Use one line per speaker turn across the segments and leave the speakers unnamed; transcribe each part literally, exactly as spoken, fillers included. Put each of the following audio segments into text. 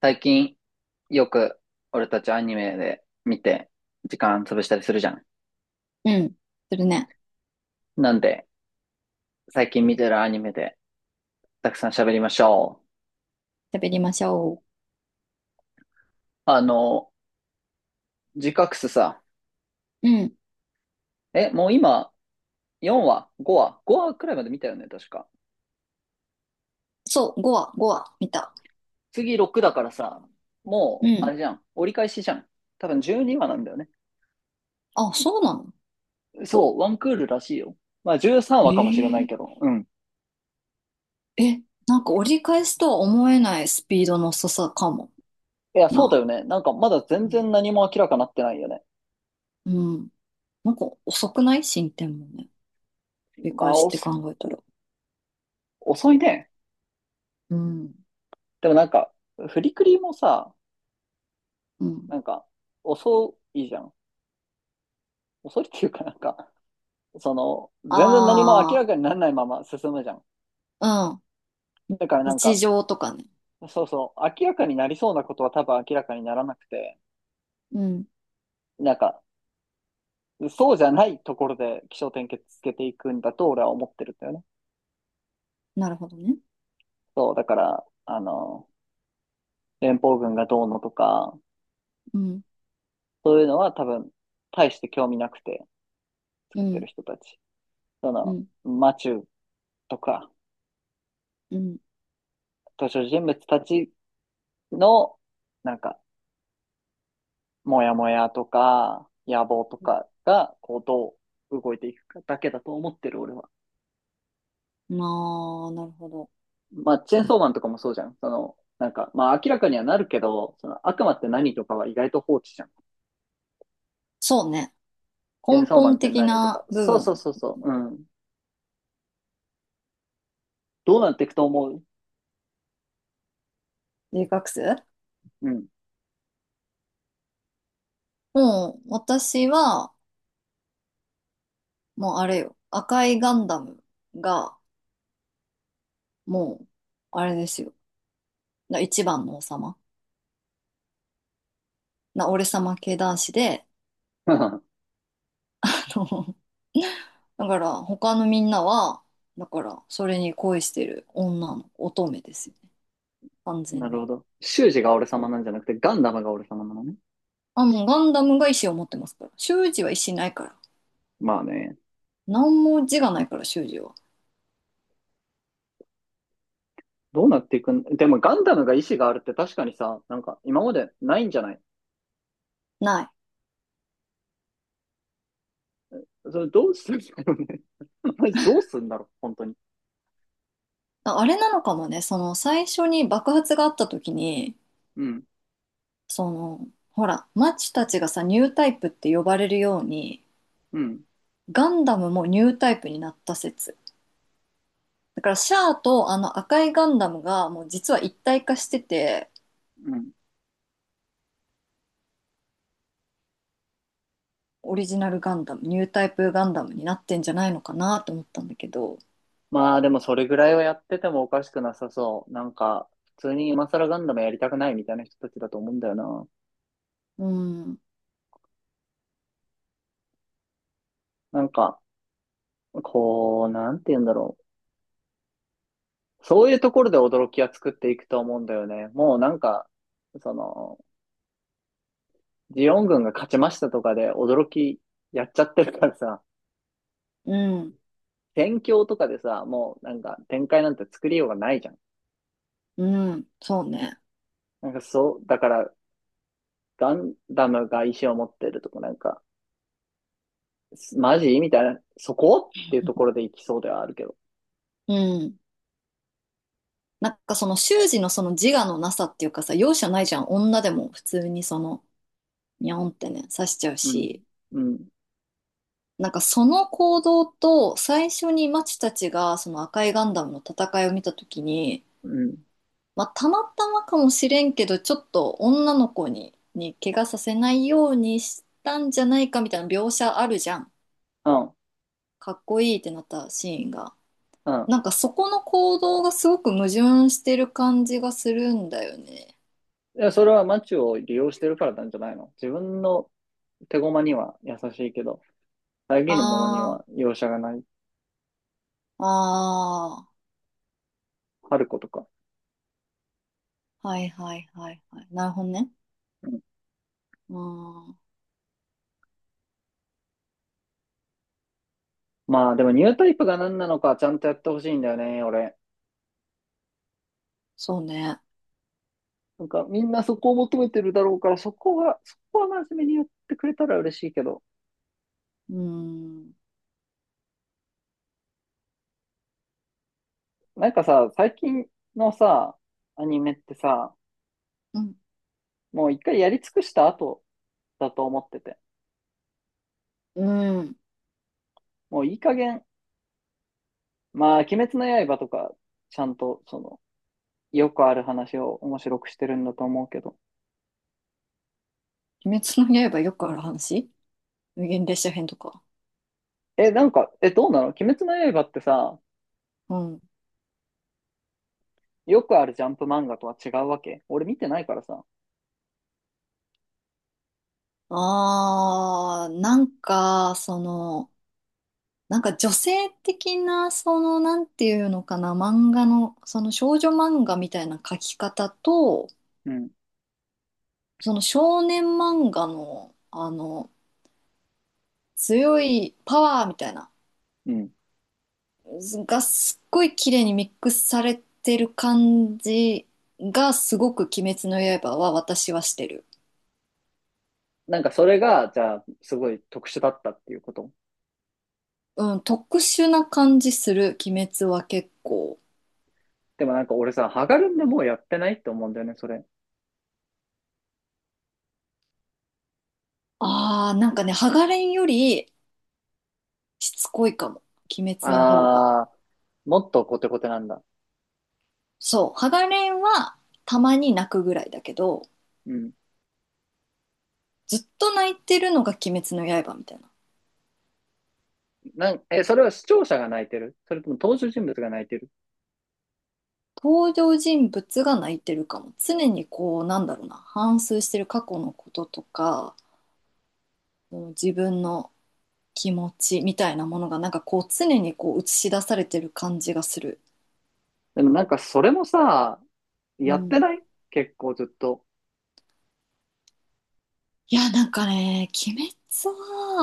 最近よく俺たちアニメで見て時間潰したりするじゃん。
うん。するね。
なんで最近見てるアニメでたくさん喋りましょ
喋りましょ
う。あの、ジカクスさ、
う。うん。
え、もう今よんわ、ごわ、ごわくらいまで見たよね、確か。
そう、ごわ、ごわ、見た。
次ろくだからさ、
う
もうあ
ん。
れじゃん、折り返しじゃん。多分じゅうにわなんだよね。
あ、そうなの。
そう、ワンクールらしいよ。まあじゅうさんわかもしれない
え
けど、うん。
ええ、なんか折り返すとは思えないスピードの遅さかも
いや、そうだよ
な。
ね。なんかまだ
う
全
ん
然何も明らかになってないよね。
うん。なんか遅くない進展もね。折り
ま
返
あ、
しって
遅
考えたら。
遅いね。
うん。
でもなんか、フリクリもさ、
うん。
なんか、遅いじゃん。遅いっていうかなんか、その、全然何も明ら
あ
かにならないまま進むじゃん。
あ、うん。
だからなん
日
か、
常とかね。
そうそう、明らかになりそうなことは多分明らかにならなくて、
うん。
なんか、そうじゃないところで起承転結つけていくんだと俺は思ってるんだよね。
なるほどね。
そう、だから、あの、連邦軍がどうのとか、
うん。
そういうのは多分、大して興味なくて
う
作って
ん。
る人たち。そ
う
の、
ん。
マチューとか、
うん。
登場人物たちの、なんか、もやもやとか、野望と
うん、
かが、こう、どう動いていくかだけだと思ってる、俺は。
なあ、なるほど。
まあ、チェーンソーマンとかもそうじゃん。その、なんか、まあ、明らかにはなるけど、その、悪魔って何とかは意外と放置じゃん。
そうね。
チェー
根
ンソーマン
本
って
的
何とか。
な部
そうそう
分、
そうそう。うん。どうなっていくと思う？
留学生、
うん。
もう、私は、もうあれよ、赤いガンダムが、もう、あれですよ。な一番の王様。な、俺様系男子で、あの、だから、他のみんなは、だから、それに恋してる女の乙女ですよね。完全
なるほ
に。
ど。修士が俺
そ
様
う。
なんじゃなくて、ガンダムが俺様なのね。
あ、もうガンダムが意志を持ってますから。修二は意志ないから。
まあね。
何も字がないから、修二は。
どうなっていくん、でもガンダムが意志があるって確かにさ、なんか今までないんじゃない？
ない。
それどうするんだろうね。マジどうするんだろう、本当に。
あ、あれなのかもね、その最初に爆発があった時に、
うん、
そのほらマッチたちがさ、ニュータイプって呼ばれるように、
うん、
ガンダムもニュータイプになった説。だからシャアとあの赤いガンダムがもう実は一体化してて、
うん。
オリジナルガンダムニュータイプガンダムになってんじゃないのかなと思ったんだけど。
まあでもそれぐらいはやっててもおかしくなさそう。なんか、普通に今更ガンダムやりたくないみたいな人たちだと思うんだよな。
うん、
なんか、こう、なんて言うんだろう。そういうところで驚きは作っていくと思うんだよね。もうなんか、その、ジオン軍が勝ちましたとかで驚きやっちゃってるからさ、
うん、
戦況とかでさ、もうなんか展開なんて作りようがないじゃん。
うん、そうね。
なんかそう、だからガンダムが石を持ってるとこなんか、すマジみたいな、そこっていうとこ ろで行きそうではあるけど。
うん、なんかその習字のその自我のなさっていうかさ、容赦ないじゃん、女でも普通にその、ニャオンってね、刺しちゃう
うん。
し。
うん。
なんかその行動と、最初にマチたちがその赤いガンダムの戦いを見た時に、
うん。
まあ、たまたまかもしれんけど、ちょっと女の子に、に怪我させないようにしたんじゃないかみたいな描写あるじゃん。
うん。
かっこいいってなったシーンが。
うん。
なんかそこの行動がすごく矛盾してる感じがするんだよね。
いや、それは街を利用してるからなんじゃないの？自分の手駒には優しいけど、遮るものに
あ
は容赦がない。
あ、あ
春子とか。
あ、はいはいはいはい。なるほどね。
うん。
うん、
まあでもニュータイプが何なのかちゃんとやってほしいんだよね、俺。
そうね。
なんかみんなそこを求めてるだろうから、そこは、そこは真面目にやってくれたら嬉しいけど。
うん、
なんかさ、最近のさ、アニメってさ、
うん、
もう一回やり尽くした後だと思ってて。
うん。
もういい加減、まあ、鬼滅の刃とか、ちゃんと、その、よくある話を面白くしてるんだと思うけど。
鬼滅の刃よくある話、無限列車編とか。
え、なんか、え、どうなの鬼滅の刃ってさ、
うん。
よくあるジャンプ漫画とは違うわけ？俺見てないからさ。
あー、なんか、その、なんか女性的な、その、なんていうのかな、漫画の、その少女漫画みたいな描き方と、
うん。
その少年漫画の、あの、強いパワーみたいな、
うん。
がすっごい綺麗にミックスされてる感じが、すごく鬼滅の刃は私はしてる。
なんかそれが、じゃあ、すごい特殊だったっていうこと？
うん、特殊な感じする、鬼滅は結構。
でもなんか俺さ、ハガルンでもうやってないって思うんだよね、それ。
ああ、なんかね、ハガレンよりしつこいかも、鬼滅の方が。
あー、もっとコテコテなんだ。
そう、ハガレンはたまに泣くぐらいだけど、
うん。
ずっと泣いてるのが鬼滅の刃みたいな。
なんえ、それは視聴者が泣いてる？それとも登場人物が泣いてる？
登場人物が泣いてるかも。常にこう、なんだろうな、反芻してる過去のこととか、もう自分の気持ちみたいなものが、なんかこう、常にこう映し出されてる感じがする。
でもなんかそれもさ、
う
やって
ん。
ない？結構ずっと。
いや、なんかね、鬼滅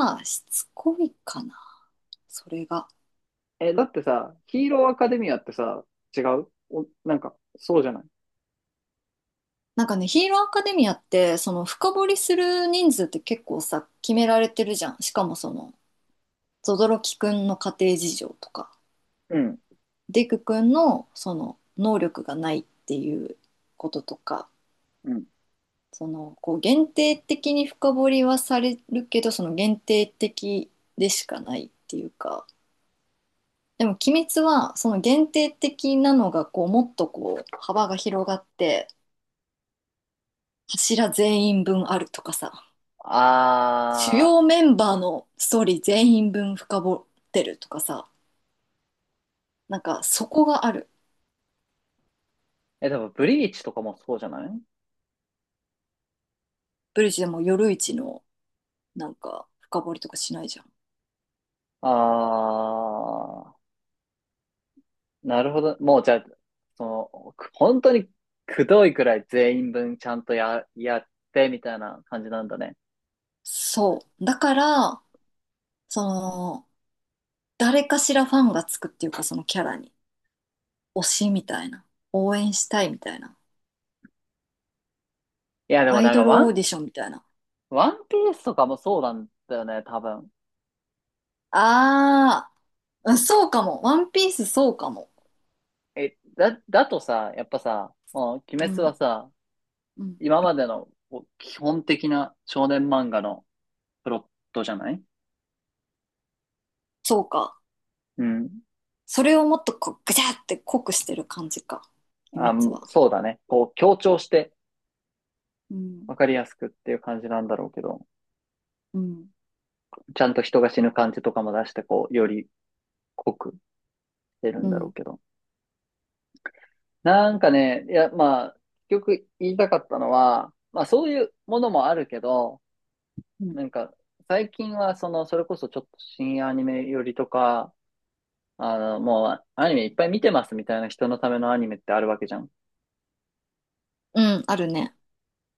はしつこいかな、それが。
え、だってさ、ヒーローアカデミアってさ、違うお、なんか、そうじゃない？
なんかね、ヒーローアカデミアって、その深掘りする人数って結構さ、決められてるじゃん。しかもその、ゾドロキくんの家庭事情とか、
うん、
デクくんのその、能力がないっていうこととか、
うん。
その、こう、限定的に深掘りはされるけど、その限定的でしかないっていうか、でも「鬼滅」はその限定的なのがこうもっとこう幅が広がって、柱全員分あるとかさ、主
あ
要メンバーのストーリー全員分深掘ってるとかさ、なんかそこがある。
ー、え、でもブリーチとかもそうじゃない？
ブリッジでも夜市のなんか深掘りとかしないじゃん。
あー、なるほど。もうじゃあ、その、く本当にくどいくらい全員分ちゃんとや、やってみたいな感じなんだね。
そうだから、その誰かしらファンがつくっていうか、そのキャラに、推しみたいな、応援したいみたいな、
いや、でも
ア
な
イ
ん
ド
か
ル
ワ
オー
ン
ディションみたいな。
ワンピースとかもそうなんだよね、多分。
あー、うん、そうかも。ワンピースそうかも。
え、だ、だとさ、やっぱさ、もう鬼
う
滅は
ん。
さ、
うん。
今までのこう基本的な少年漫画のプロットじゃない？
そうか。
うん。
それをもっとこう、ぐちゃって濃くしてる感じか。
あ、
鬼滅は。
そうだね。こう強調して
うん。
わかりやすくっていう感じなんだろうけど、
うん。
ちゃんと人が死ぬ感じとかも出して、こう、より濃く出る
う
んだろう
ん。
けど。なんかね、いや、まあ、結局言いたかったのは、まあそういうものもあるけど、
うん。
なんか、最近は、その、それこそちょっと新アニメよりとか、あの、もう、アニメいっぱい見てますみたいな人のためのアニメってあるわけじゃん。
うん、あるね。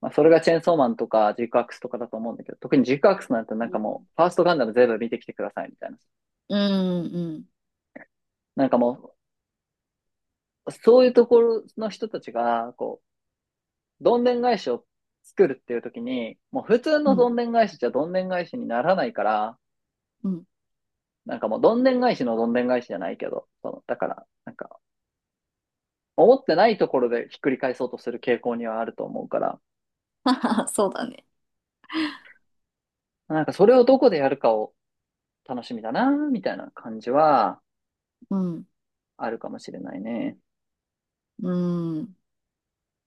まあ、それがチェーンソーマンとか、ジークアクスとかだと思うんだけど、特にジークアクスなんてなん
う
か
ん。
もう、ファーストガンダム全部見てきてくださいみたいな。
うん、うん、
なんかもう、そういうところの人たちが、こう、どんでん返しを作るっていう時に、もう普通
う
のど
ん、
んでん返しじゃどんでん返しにならないから、
うん。
なんかもうどんでん返しのどんでん返しじゃないけど、その、だから、なんか、思ってないところでひっくり返そうとする傾向にはあると思うから、
そうだね。
なんかそれをどこでやるかを楽しみだな、みたいな感じは
うん、
あるかもしれないね。
うん。